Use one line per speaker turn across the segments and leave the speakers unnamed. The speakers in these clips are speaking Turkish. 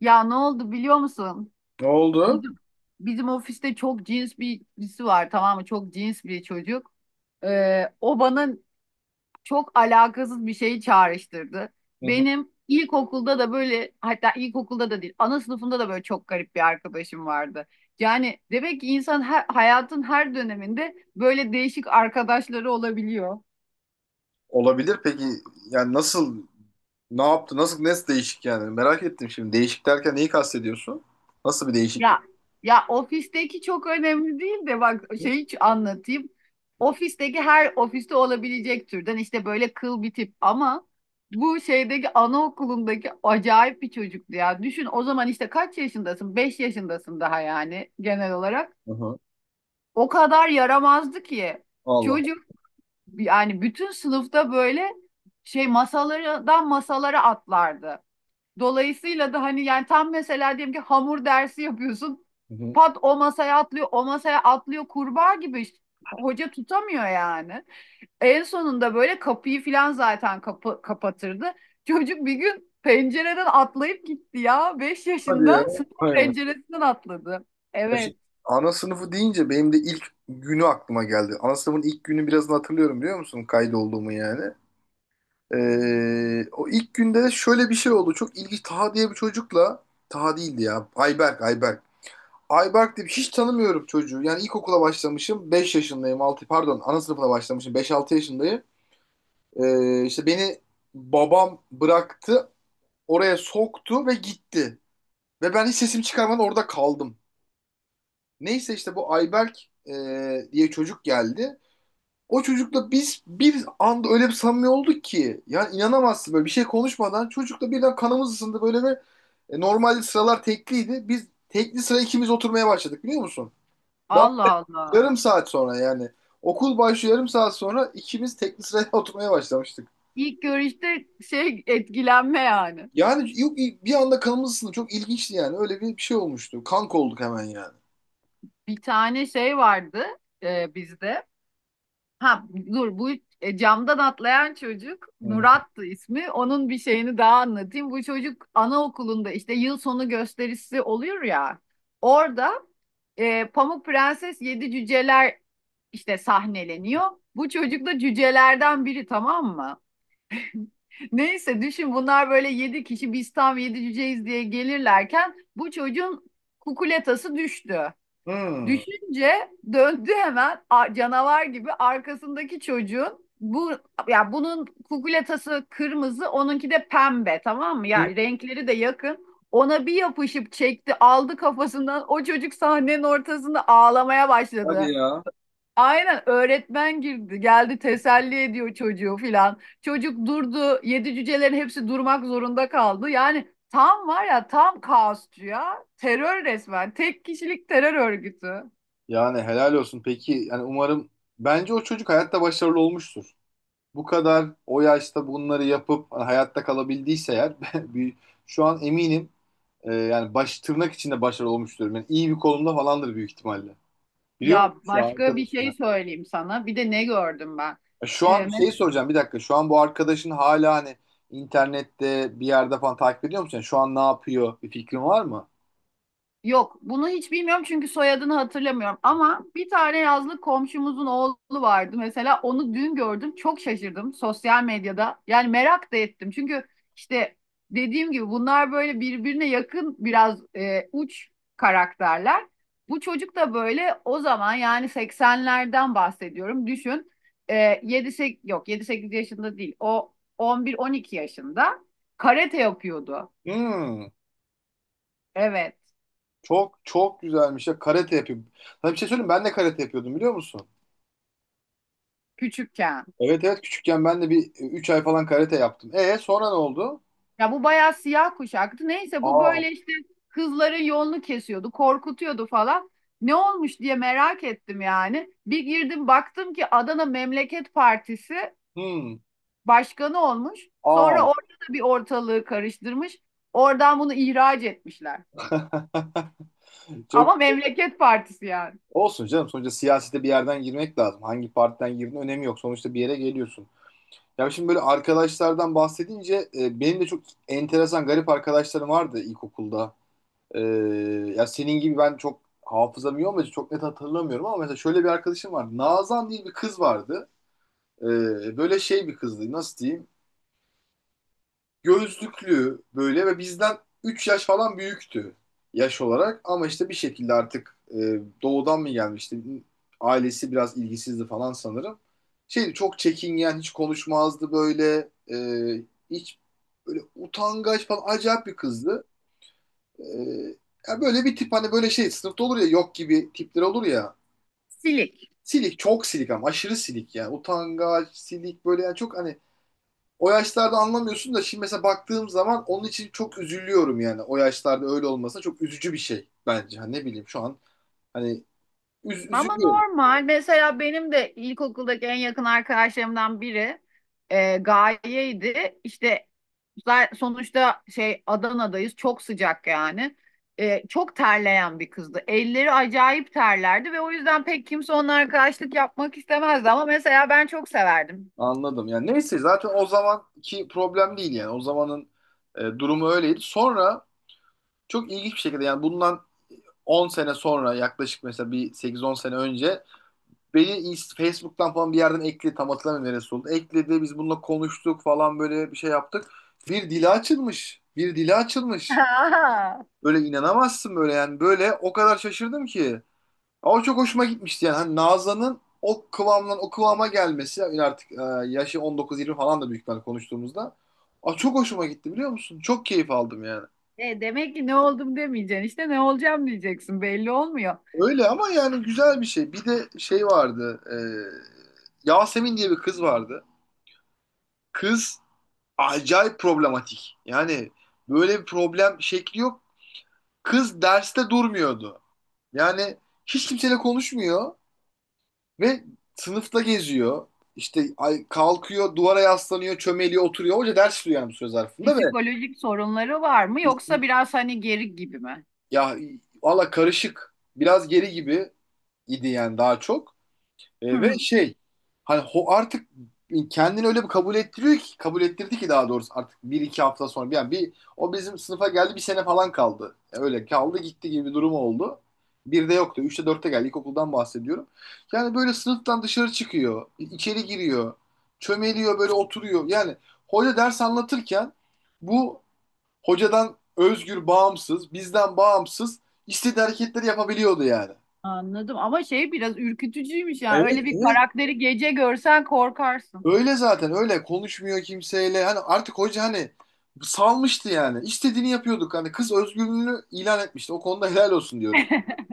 Ya ne oldu biliyor musun?
Ne oldu?
Bizim bizim ofiste çok cins birisi var, tamam mı? Çok cins bir çocuk. O bana çok alakasız bir şeyi çağrıştırdı.
Hı hı.
Benim ilkokulda da böyle, hatta ilkokulda da değil, ana sınıfında da böyle çok garip bir arkadaşım vardı. Yani demek ki insan hayatın her döneminde böyle değişik arkadaşları olabiliyor.
Olabilir peki yani ne yaptı nasıl ne değişik yani merak ettim şimdi değişik derken neyi kastediyorsun? Nasıl bir değişiklik?
Ya ya, ofisteki çok önemli değil de, bak şey, hiç anlatayım. Ofisteki, her ofiste olabilecek türden işte böyle kıl bir tip, ama bu şeydeki, anaokulundaki acayip bir çocuktu ya. Düşün o zaman, işte kaç yaşındasın? 5 yaşındasın daha yani genel olarak.
Hı hı.
O kadar yaramazdı ki
Allah.
çocuk, yani bütün sınıfta böyle şey, masalardan masalara atlardı. Dolayısıyla da hani yani, tam mesela diyelim ki hamur dersi yapıyorsun.
Hı hı.
Pat, o masaya atlıyor, o masaya atlıyor kurbağa gibi. İşte. Hoca tutamıyor yani. En sonunda böyle kapıyı filan zaten kapı kapatırdı. Çocuk bir gün pencereden atlayıp gitti ya. Beş
Hadi ya.
yaşında sınıf
Hay Allah.
penceresinden atladı.
Ya şimdi
Evet.
ana sınıfı deyince benim de ilk günü aklıma geldi. Ana sınıfın ilk günü birazını hatırlıyorum biliyor musun? Kaydolduğumu yani. O ilk günde de şöyle bir şey oldu. Çok ilginç. Taha diye bir çocukla Taha değildi ya. Ayberk, Ayberk. Ayberk diye hiç tanımıyorum çocuğu. Yani ilkokula başlamışım. Beş yaşındayım. Altı, pardon, ana sınıfına başlamışım. Beş altı yaşındayım. İşte beni babam bıraktı. Oraya soktu ve gitti. Ve ben hiç sesimi çıkarmadan orada kaldım. Neyse işte bu Ayberk e, diye çocuk geldi. O çocukla biz bir anda öyle bir samimi olduk ki. Yani inanamazsın, böyle bir şey konuşmadan çocukla birden kanımız ısındı böyle ve normalde sıralar tekliydi. Biz tekli sıra ikimiz oturmaya başladık biliyor musun? Daha
Allah Allah.
yarım saat sonra yani. Okul başlıyor, yarım saat sonra ikimiz tekli sıraya oturmaya başlamıştık.
İlk görüşte şey, etkilenme yani.
Yani yok, bir anda kanımız ısındı. Çok ilginçti yani. Öyle bir şey olmuştu. Kanka olduk hemen yani.
Bir tane şey vardı bizde. Ha dur, bu camdan atlayan çocuk
Hı hı.
Murat'tı ismi. Onun bir şeyini daha anlatayım. Bu çocuk anaokulunda işte, yıl sonu gösterisi oluyor ya. Orada Pamuk Prenses Yedi Cüceler işte sahneleniyor. Bu çocuk da cücelerden biri, tamam mı? Neyse, düşün, bunlar böyle yedi kişi, biz tam yedi cüceyiz diye gelirlerken bu çocuğun kukuletası düştü.
Hmm.
Düşünce döndü hemen canavar gibi arkasındaki çocuğun, bu, ya bunun kukuletası kırmızı, onunki de pembe, tamam mı? Ya
Hı.
renkleri de yakın. Ona bir yapışıp çekti, aldı kafasından, o çocuk sahnenin ortasında ağlamaya
Hadi
başladı.
ya.
Aynen, öğretmen girdi, geldi, teselli ediyor çocuğu filan. Çocuk durdu, yedi cücelerin hepsi durmak zorunda kaldı. Yani tam var ya, tam kaosçu ya, terör, resmen tek kişilik terör örgütü.
Yani helal olsun. Peki yani umarım bence o çocuk hayatta başarılı olmuştur. Bu kadar o yaşta bunları yapıp hani hayatta kalabildiyse eğer bir- şu an eminim yani baş tırnak içinde başarılı olmuştur. Yani iyi bir konumda falandır büyük ihtimalle. Biliyor
Ya
musun şu an
başka bir
arkadaşım?
şey söyleyeyim sana. Bir de ne gördüm ben?
Şu an
Ee,
şeyi soracağım, bir dakika. Şu an bu arkadaşın hala hani internette bir yerde falan takip ediyor musun? Yani şu an ne yapıyor? Bir fikrin var mı?
Yok, bunu hiç bilmiyorum çünkü soyadını hatırlamıyorum. Ama bir tane yazlık komşumuzun oğlu vardı mesela. Onu dün gördüm, çok şaşırdım sosyal medyada. Yani merak da ettim. Çünkü işte, dediğim gibi bunlar böyle birbirine yakın, biraz uç karakterler. Bu çocuk da böyle, o zaman yani seksenlerden bahsediyorum. Düşün, 7 8, yok yedi sekiz yaşında değil. O on bir on iki yaşında karate yapıyordu.
Hmm,
Evet,
çok çok güzelmiş ya. Karate yapıyor. Sana bir şey söyleyeyim mi? Ben de karate yapıyordum biliyor musun?
küçükken.
Evet evet, küçükken ben de bir 3 ay falan karate yaptım. E sonra ne oldu?
Ya bu bayağı siyah kuşaktı. Neyse, bu
Aa,
böyle işte kızların yolunu kesiyordu, korkutuyordu falan. Ne olmuş diye merak ettim yani. Bir girdim, baktım ki Adana Memleket Partisi
hmm,
başkanı olmuş.
aa.
Sonra orada da bir ortalığı karıştırmış. Oradan bunu ihraç etmişler.
Çok
Ama Memleket Partisi yani.
olsun canım. Sonuçta siyasete bir yerden girmek lazım. Hangi partiden girdin önemi yok. Sonuçta bir yere geliyorsun. Ya şimdi böyle arkadaşlardan bahsedince benim de çok enteresan garip arkadaşlarım vardı ilkokulda. E, Ya senin gibi ben çok hafızam iyi olmadı, çok net hatırlamıyorum ama mesela şöyle bir arkadaşım vardı. Nazan diye bir kız vardı. Böyle şey bir kızdı, nasıl diyeyim? Gözlüklü böyle ve bizden 3 yaş falan büyüktü yaş olarak. Ama işte bir şekilde artık doğudan mı gelmişti? Ailesi biraz ilgisizdi falan sanırım. Şeydi, çok çekingen, hiç konuşmazdı böyle. Hiç böyle utangaç falan acayip bir kızdı. E, Ya böyle bir tip, hani böyle şey sınıfta olur ya, yok gibi tipler olur ya.
Silik.
Silik, çok silik ama aşırı silik yani, utangaç silik böyle yani, çok hani o yaşlarda anlamıyorsun da şimdi mesela baktığım zaman onun için çok üzülüyorum yani. O yaşlarda öyle olmasa çok üzücü bir şey bence. Hani ne bileyim, şu an hani
Ama
üzülüyorum.
normal. Mesela benim de ilkokuldaki en yakın arkadaşlarımdan biri Gaye'ydi. İşte sonuçta şey, Adana'dayız. Çok sıcak yani. Çok terleyen bir kızdı. Elleri acayip terlerdi ve o yüzden pek kimse onunla arkadaşlık yapmak istemezdi. Ama mesela ben çok severdim.
Anladım. Yani neyse zaten o zamanki problem değil yani. O zamanın durumu öyleydi. Sonra çok ilginç bir şekilde yani bundan 10 sene sonra yaklaşık, mesela bir sekiz on sene önce beni Facebook'tan falan bir yerden ekledi. Tam hatırlamıyorum neresi oldu. Ekledi, biz bununla konuştuk falan, böyle bir şey yaptık. Bir dili açılmış. Bir dili açılmış.
Aa.
Böyle inanamazsın böyle yani. Böyle o kadar şaşırdım ki. Ama çok hoşuma gitmişti yani. Hani Nazan'ın o kıvamdan o kıvama gelmesi yani artık yaşı 19-20 falan da büyük ihtimalle konuştuğumuzda. Aa, çok hoşuma gitti biliyor musun? Çok keyif aldım yani.
Demek ki ne oldum demeyeceksin. İşte ne olacağım diyeceksin. Belli olmuyor.
Öyle ama yani güzel bir şey. Bir de şey vardı. Yasemin diye bir kız vardı. Kız acayip problematik. Yani böyle bir problem şekli yok. Kız derste durmuyordu. Yani hiç kimseyle konuşmuyor. Ve sınıfta geziyor. İşte kalkıyor, duvara yaslanıyor, çömeliyor, oturuyor. Hoca ders tutuyor yani bu söz zarfında
Psikolojik sorunları var mı, yoksa biraz hani geri gibi mi?
ya valla karışık. Biraz geri gibi idi yani, daha çok. Ve şey, hani artık kendini öyle bir kabul ettiriyor ki, kabul ettirdi ki daha doğrusu, artık bir iki hafta sonra yani bir o bizim sınıfa geldi, bir sene falan kaldı. Öyle kaldı gitti gibi bir durum oldu. Bir de yoktu. Üçte dörtte geldi. İlkokuldan bahsediyorum. Yani böyle sınıftan dışarı çıkıyor, içeri giriyor. Çömeliyor böyle, oturuyor. Yani hoca ders anlatırken bu hocadan özgür, bağımsız, bizden bağımsız istediği hareketleri yapabiliyordu yani.
Anladım, ama şey, biraz ürkütücüymüş yani.
Evet,
Öyle bir
evet.
karakteri gece görsen korkarsın.
Öyle zaten, öyle konuşmuyor kimseyle. Hani artık hoca hani salmıştı yani. İstediğini yapıyorduk. Hani kız özgürlüğünü ilan etmişti. O konuda helal olsun diyorum.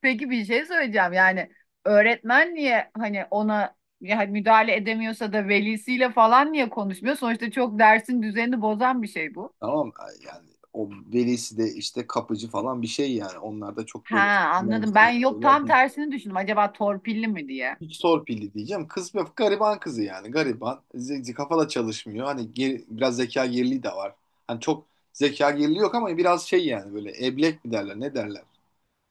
Peki, bir şey söyleyeceğim. Yani öğretmen niye, hani ona yani müdahale edemiyorsa da, velisiyle falan niye konuşmuyor? Sonuçta çok dersin düzenini bozan bir şey bu.
Tamam yani o velisi de işte kapıcı falan bir şey yani. Onlar da çok böyle
Ha, anladım. Ben
önemseyen
yok,
şeyler
tam
değil.
tersini düşündüm, acaba torpilli mi diye.
Hiç torpilli diyeceğim. Kız bir gariban kızı yani. Gariban. Kafada çalışmıyor. Hani biraz zeka geriliği de var. Hani çok zeka geriliği yok ama biraz şey yani, böyle eblek mi derler, ne derler.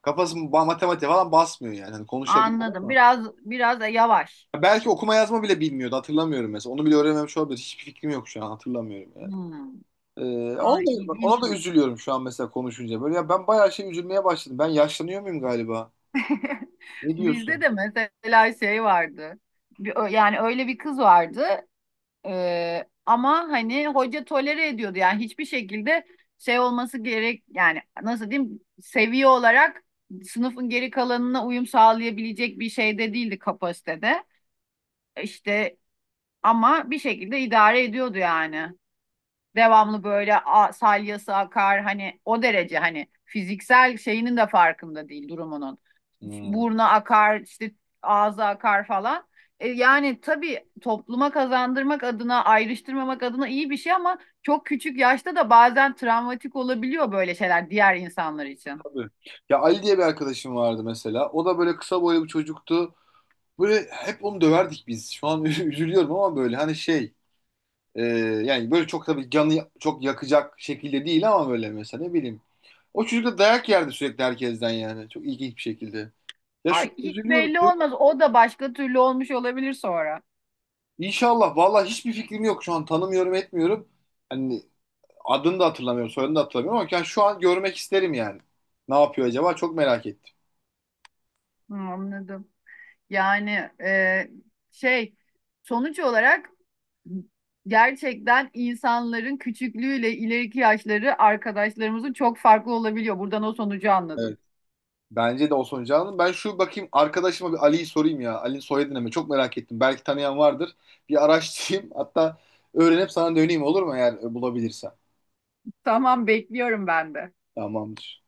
Kafası matematik falan basmıyor yani. Hani konuşabiliyor
Anladım.
ama.
Biraz, biraz da yavaş.
Belki okuma yazma bile bilmiyordu. Hatırlamıyorum mesela. Onu bile öğrenmemiş olabilir. Hiçbir fikrim yok şu an. Hatırlamıyorum yani.
Hmm.
Ee,
Ay,
ona da
ilginçmiş.
üzülüyorum şu an mesela konuşunca. Böyle ya, ben bayağı şey üzülmeye başladım. Ben yaşlanıyor muyum galiba? Ne
Bizde
diyorsun?
de mesela şey vardı. Yani öyle bir kız vardı. Ama hani hoca tolere ediyordu yani, hiçbir şekilde şey olması gerek, yani nasıl diyeyim, seviye olarak sınıfın geri kalanına uyum sağlayabilecek bir şeyde değildi, kapasitede. İşte ama bir şekilde idare ediyordu yani, devamlı böyle salyası akar, hani o derece, hani fiziksel şeyinin de farkında değil, durumunun.
Hmm,
Burnu akar işte, ağza akar falan. Yani tabii topluma kazandırmak adına, ayrıştırmamak adına iyi bir şey, ama çok küçük yaşta da bazen travmatik olabiliyor böyle şeyler diğer insanlar için.
tabii. Ya Ali diye bir arkadaşım vardı mesela. O da böyle kısa boylu bir çocuktu. Böyle hep onu döverdik biz. Şu an üzülüyorum ama böyle hani şey e, yani böyle çok tabii canı çok yakacak şekilde değil ama böyle mesela ne bileyim. O çocuk da dayak yerdi sürekli herkesten yani. Çok ilginç bir şekilde. Ya şu
Ay
an
hiç
üzülüyorum.
belli olmaz. O da başka türlü olmuş olabilir sonra.
İnşallah. Vallahi hiçbir fikrim yok şu an. Tanımıyorum, etmiyorum. Hani adını da hatırlamıyorum, soyadını da hatırlamıyorum ama yani şu an görmek isterim yani. Ne yapıyor acaba? Çok merak ettim.
Hı, anladım. Yani e, şey, sonuç olarak gerçekten insanların küçüklüğüyle ileriki yaşları, arkadaşlarımızın çok farklı olabiliyor. Buradan o sonucu
Evet.
anladım.
Bence de Osman Can'ın. Ben şu bakayım arkadaşıma, bir Ali'yi sorayım ya. Ali'nin soyadını mı? Çok merak ettim. Belki tanıyan vardır. Bir araştırayım. Hatta öğrenip sana döneyim, olur mu, eğer bulabilirsem.
Tamam, bekliyorum ben de.
Tamamdır.